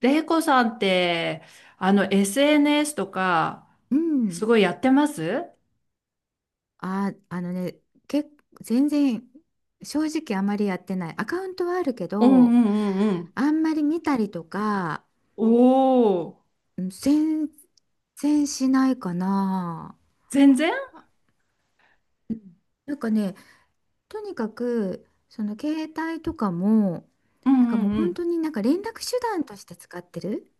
レイコさんって、SNS とか、うすん。ごいやってます？あ、あのね、け、全然、正直あまりやってない。アカウントはあるけうんうど、んうんうん。あんまり見たりとか、おおー、うん全然しないかな。全然。うんなんかね、とにかく、その携帯とかも、うんうもんうう本ん。当に連絡手段として使ってる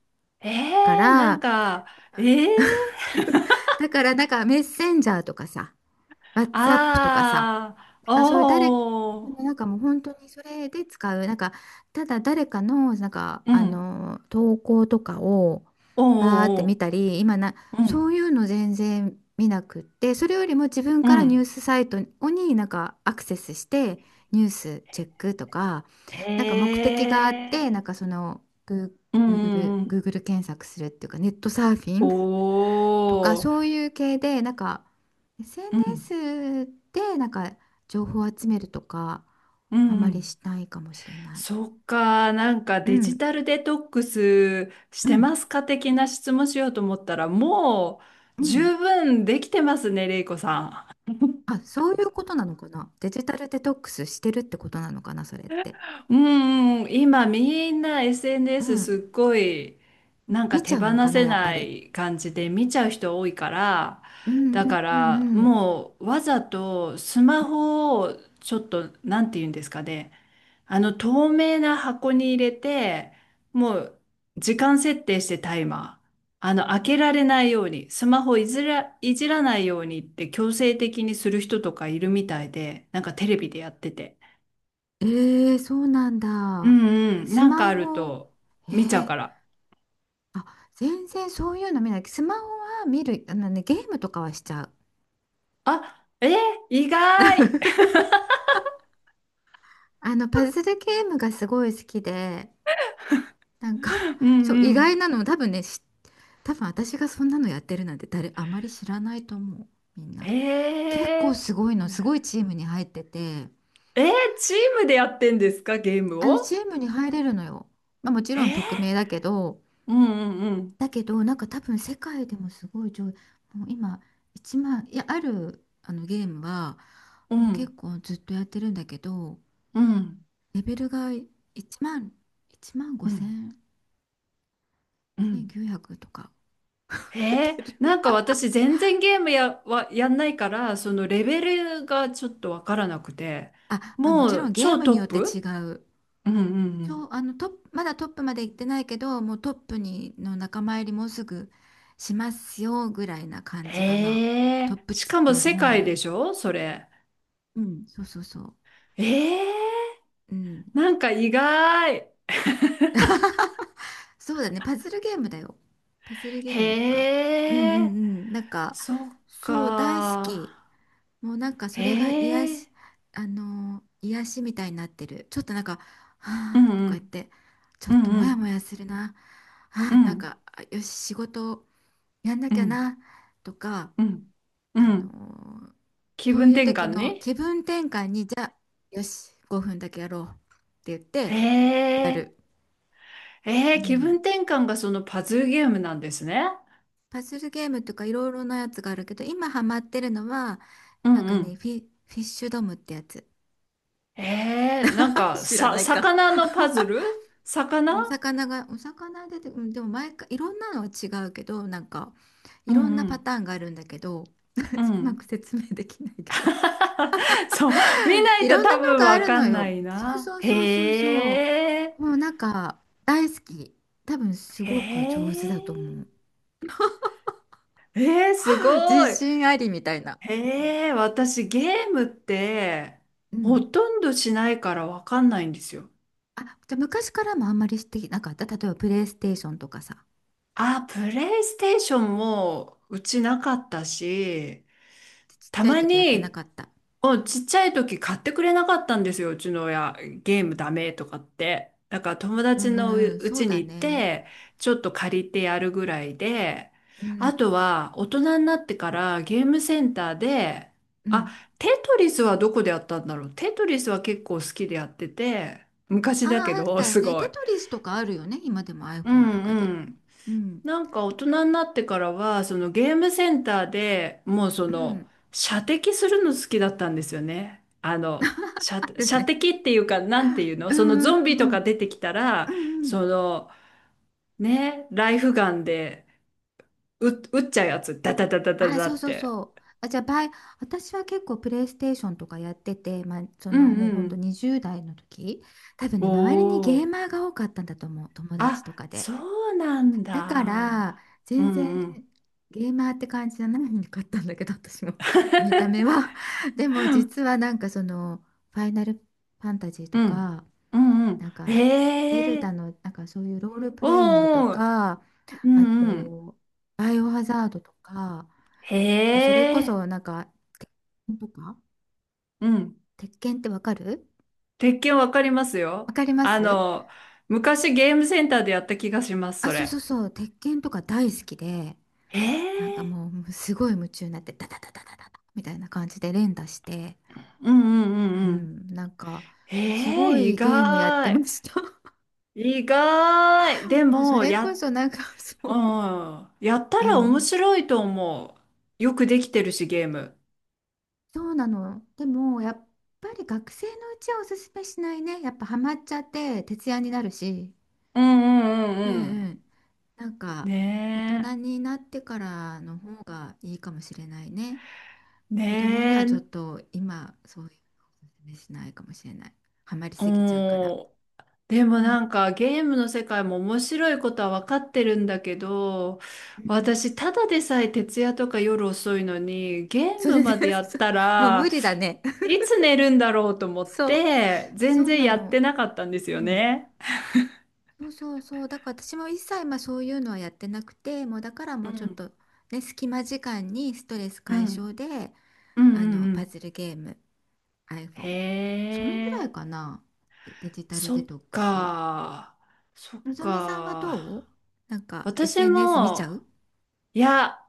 かなんら、か、えー、だからメッセンジャーとかさ、WhatsApp とかさ、あなんー、かそういう誰、おなー、んかもう本当にそれで使う、ただ誰かの、うあん。の投稿とかをおバーってー、見おたり、ーうそん。ういうの全然見なくって、それよりも自分うからニューん。スサイトにアクセスして、ニュースチェックとか、なんか目的があって、えグうんうー Google、んうん。Google 検索するっていうか、ネットサーフィンとかおそー、ういう系でうん。SNS で情報を集めるとかうあんうまりん。しないかもしれない。そっか、なんかうデジんタルデトックスしうてんますか的な質問しようと思ったら、もううん十分できてますね、れいこさあ、そういうことなのかな。デジタルデトックスしてるってことなのかな、それって。ん。うんうん、今みんな う SNS すん、っごいなんか見ち手ゃ放うのかなせやっぱなり。い感じで見ちゃう人多いから、うんうだんかうらんうん。もうわざとスマホをちょっと、なんて言うんですかね、あの透明な箱に入れて、もう時間設定してタイマー。あの開けられないように、スマホいじらないようにって強制的にする人とかいるみたいで、なんかテレビでやってて。えー、そうなんうだ。んうん、スなんかマあるホ、とえ見ちゃうー、から。あ、全然そういうの見ない。スマホは見る、あのね、ゲームとかはしちゃう。あ、意外。 あの、パズルゲームがすごい好きで、なんか うん そう、う意外ん。なの、多分私がそんなのやってるなんてあまり知らないと思う、みんな。え結構ー、すごいの、すごいチームに入ってて、えー、チームでやってんですか、ゲームあの、チを？ームに入れるのよ。まあ、もちえろんー、匿名だけど。うんうんうん。だけど、なんか多分世界でもすごい上、もう今、1万、いや、ある、あのゲームは、うもう結ん構ずっとやってるんだけど、うんレベルが1万、1万う5ん千、うん。5900とか。へえ、てるなんか私全然ゲームや、はやんないから、そのレベルがちょっとわからなくて、あ、まあ、もちもろうんゲー超ムトッによって違プ。う。うんうんうそう、ん。あのトップ、まだトップまで行ってないけど、もうトップにの仲間入りもうすぐしますよぐらいな感じかな。へトえ、ップしかもの世方界に。でしょ、それ？うん、そうそうそう。ええ、うん。なんか意外。そうだね、パズルゲームだよ。パズルゲームとか。うんへうんえ、うん。なんか、そっそう、大好か。き。もうなんかへそれが癒し、え、あのー癒しみたいになってる。ちょっとなんか、うはんあとか言って、ちょうっんとうモヤモんヤするな。うあーなんんか、あよし、仕事やんなうきんうゃんな、とか、うんうあのん。ー気そう分いう転時換の気ね。分転換に、じゃあ、よし、5分だけやろうって言っへてやえ。る。う気ん。分転換がそのパズルゲームなんですね。パズルゲームとかいろいろなやつがあるけど、今ハマってるのは、うなんんかうね、ん。フィッシュドムってやつ。なん か、知らさ、ないか。魚のパズル？魚。お魚出て、うん、でも毎回いろんなのは違うけど、なんかういんろんなうパん。ターンがあるんだけど、う うまん。く説明できないけど。そう、見 ないいとろん多なの分があわるかのんなよ。いそうな。そうそうそうそへえ、う。もうなんか大好き。多分すへごく上手だえ、と思う。すご 自い。信ありみたいな。へえ、私ゲームってうほん。とんどしないからわかんないんですよ。あ、じゃあ昔からもあんまりしてなかった。例えばプレイステーションとかさ。あ、プレイステーションもうちなかったし、ちったちゃいま時やってなかに。った。うん、ちっちゃい時買ってくれなかったんですよ、うちの親。ゲームダメとかって。だから友う達んうのうんうん、うそうちにだ行っね。て、ちょっと借りてやるぐらいで、うあとん。は大人になってからゲームセンターで、うあ、んテトリスはどこでやったんだろう。テトリスは結構好きでやってて、昔ああ、だけあっど、たよすね。ごテトい。リスとかあるよね。今でも う iPhone とかで。んうん。うん。なんか大人になってからは、そのゲームセンターでもうそうのん。射的するの好きだったんですよね。ある射ね。的っていうか、なんていうの、うそのんうゾンビとんうんうかん。出てきたら、うんうん。そのね、ライフガンで撃っちゃうやつ、ダダダダあダあ、ダそうっそうて。そう。あ、じゃあ、バイ、私は結構プレイステーションとかやってて、まあ、そうのんもううほんとん、20代の時、多分おね、周りにゲーお。マーが多かったんだと思う。友達とあ、かそで。うなんだから、だ。う全然んうん。ゲーマーって感じじゃないかったんだけど、私も 見た目 は。でも、実はなんかその、ファイナルファンタジーとうん。か、うんうん。なんか、ゼルえダえ。の、なんかそういうロールプおレイングとーおー。か、うあんうん。と、バイオハザードとか、へそれこえ、そなんか、鉄拳とか、うん。鉄拳ってわかる？鉄拳わかりますわよ。かります？昔ゲームセンターでやった気がします、あ、そそうそうれ。そう、鉄拳とか大好きで、へえ、もうすごい夢中になって、ダダダダダダダみたいな感じで連打して、うんうんううんうん。ん、なんか、すへごえ、意いゲームやってま外。した。意外。で もうそも、れこや、そなんか、そうう、ん。やったあら面の、白いと思う。よくできてるし、ゲーム。そうなの。でも、やっぱり学生のうちはおすすめしないね。やっぱハマっちゃって徹夜になるし。うんうんううんんうん。うん。なんか、大人ねになってからの方がいいかもしれないね。え。子供にねはちょっえ。と今、そういうのおすすめしないかもしれない。ハマりうすぎちゃうから。ん。でもうん。なんかゲームの世界も面白いことは分かってるんだけど、うん。私ただでさえ徹夜とか夜遅いのに、ゲーそムれで、まで やっそうたもう無ら理だね。いつ寝るんだろうと思っそう。て、そ全う然なやっの。てなかったんですようんね。そうそうそう。だから私も一切まあそういうのはやってなくて、もうだからうもうちょっん、とね、隙間時間にストレスうん、解消で、うん、うあんの、うパん。ズルゲーム、iPhone。へそのぐらえ、いかな。デジタルデそっトックス。か、そっのぞみさんはどう？か。なんか 私 SNS 見ちゃも、う？いや、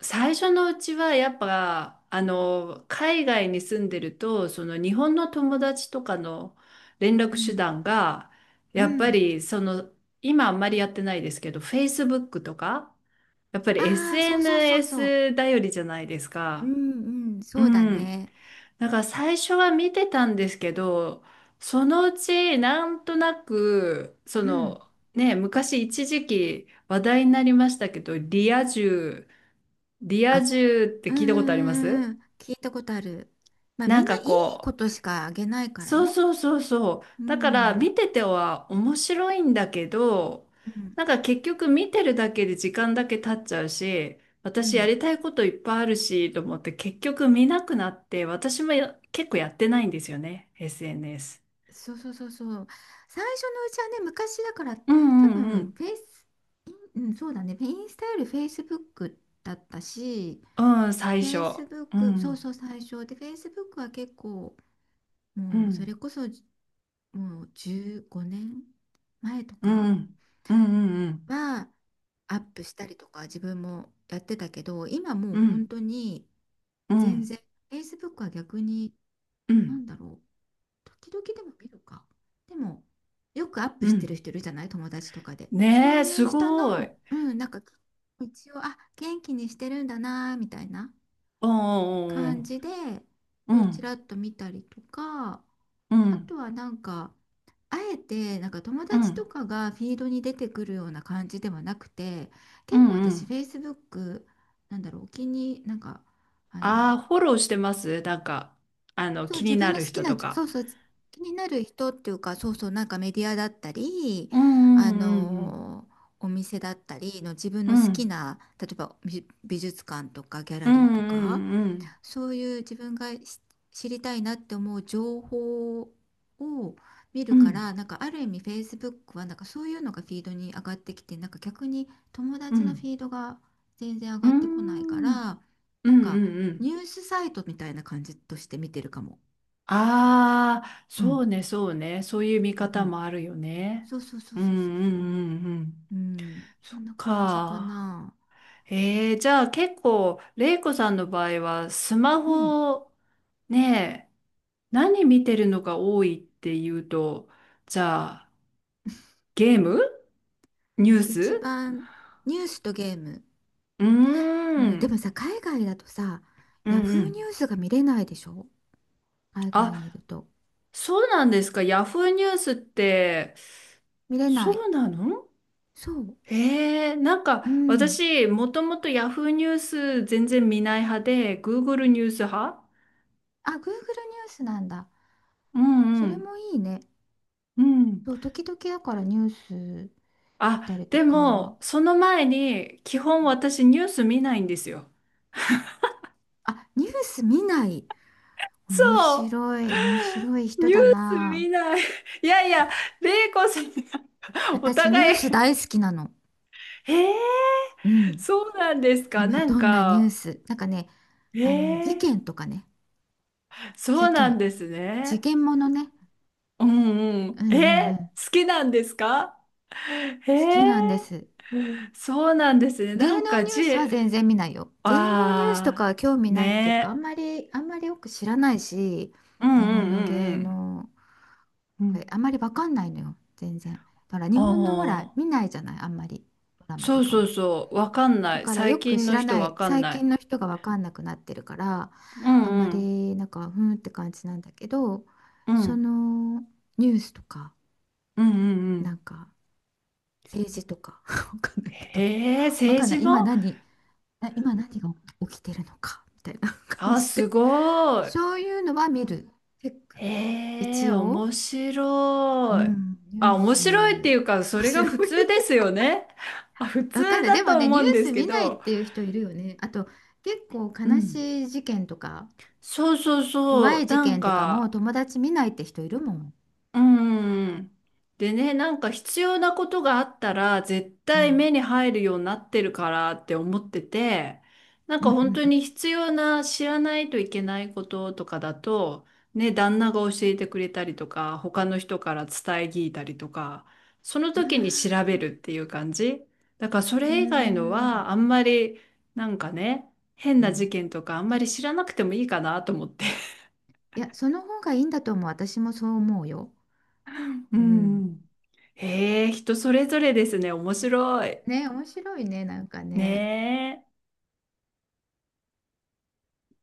最初のうちはやっぱあの海外に住んでるとその日本の友達とかの連う絡手ん。段が、うやっぱん。りその、今あんまりやってないですけど Facebook とか、やっぱり ああ、そうそうそうそ SNS 頼りじゃないですう。うか。んうん、うそうだん。ね。だから最初は見てたんですけど、そのうちなんとなく、そうん。の、ね、昔一時期話題になりましたけどリア充。リアあ、充っうてん聞いたうことありまんうんうす？ん。聞いたことある。まあなみんんなかいいこことしかあげないう、からそうね。そうそうそう。うだからん。見てては面白いんだけど、うんなんか結局見てるだけで時間だけ経っちゃうし、う私やん、りたいこといっぱいあるし、と思って結局見なくなって、私も結構やってないんですよね、SNS。そうそうそうそう。最初のうちはね、昔だからうん多うんう分ん。フェイスインうん、そうだね、インスタよりフェイスブックだったし。うん、最フ初。ェイスブッうクそうん、そう最初でフェイスブックは結構、うもうそん、れこそもう15年前とうかん、うん、うん、はアップしたりとか自分もやってたけど、今もうう本ん、当にうん、う全ん、然フェイスブックは。逆にうなん。んだろう、時々でも見るか。でも、よくアップうしてるん、人いるじゃない、友達とかで。そねうえ、すいう人ごい。の、うん、なんか、一応、あ、元気にしてるんだな、みたいなお感ん、じで、うちらんっと見たりとか。うあとんはなんか、あえて、なんか友う達とんかがフィードに出てくるような感じではなくて、う結ん構う私、ん Facebook、なんだろう、お気に、なんか、ああの、あー、フォローしてます、なんかあのそう、気に自な分のる好き人な、とそか。うそう、気になる人っていうか、そうそう、なんかメディアだったり、うあんうんのーお店だったりの自分うの好きんな、例えば美術館とかギャうラリんーうとか、んうんそういう自分が知りたいなって思う情報を見るうかんら、なんかある意味 Facebook はなんかそういうのがフィードに上がってきて、なんか逆に友うん達うのフんィードが全然上うがってこないかんら、うんうなんかん、うニん、ュースサイトみたいな感じとして見てるかも。ああー、うそうん。ね、そうね、そういう見うん方うん。もあるよね。そうそうそううんうそうそうそんう。うんうん。うん。そそっんな感じかか。な。じゃあ結構レイコさんの場合はスマうん。ホ、ねえ、何見てるのが多いっていうと、じゃあ、ゲーム、ニュー一ス。番ニュースとゲーム。うーうん。でん。もさ、海外だとさ、うんヤうフーニん。ュースが見れないでしょ、海外にいあ、ると。そうなんですか。ヤフーニュースって、見れなそい。うなの？そう。なんうかん。私、もともとヤフーニュース全然見ない派で、Google ニュース派。あ、Google ニュースなんだ。うんそうれん。もいいね。うん。そう、時々だからニュース見たあ、りとでか。も、その前に、基本私ニュース見ないんですよ。あ、ニュース見ない。そ面う。白い。面白い人ニューだスな。見ない。いやいや、玲コさん、お私ニュー互スい、大好きなの。へえ、うん。そうなんですか。今なんどんなニューか、スなんかね、へあの事え、件とかね。そ事うなん件です事ね。件ものね。うんううん。んうんえ、う好ん、きなんですか？へ好きなんでえ、す。そうなんですね。芸能ニュースは全然見ないよ。芸能ニュースとかあはあ、興味ないっていうかねあんまりよく知らないし、え。うん日う本のん芸うん能うん。うん。あんまりわかんないのよ全然。だから日あ本のほらあ、見ないじゃないあんまり、ドラマそとうかそも。うそう。わかんなだい。からよ最く近知のら人なわい、かん最な近い。の人が分かんなくなってるから、うあんんまうん。りなんかふーんって感じなんだけど、うそん。のニュースとかうんうんうなんん。か政治とか 分かんないけど、へえ、分政かんな治い今も。何あ、今何が起きてるのかみたいな感あ、じすで、ごい。そういうのは見る、チェックへえ、一応、面う白い。ん、ニあ、ュー面白いっていス。うか、そ面れが普白い、通ですよね。あ、普通分かんないだでもとね。思ニュうーんでスすけ見ないっど。ていう人いるよね、あと結構う悲ん。しい事件とかそうそう怖そう。い事なん件とかもか、友達見ないって人いるもん。うん。でね、なんか必要なことがあったら絶う対ん。目に入るようになってるからって思ってて、なんうんかう本ん当うん。に必要な知らないといけないこととかだと、ね、旦那が教えてくれたりとか、他の人から伝え聞いたりとか、そのあ時に調べあ、るっていう感じ。だからそうーれ以外のん。はあんまり、なんかね、変うなん。事件とかあんまり知らなくてもいいかなと思って。いや、その方がいいんだと思う。私もそう思うよ。ううん。ん。へえ、人それぞれですね。面白い。ね、面白いね、なんかね。ねえ。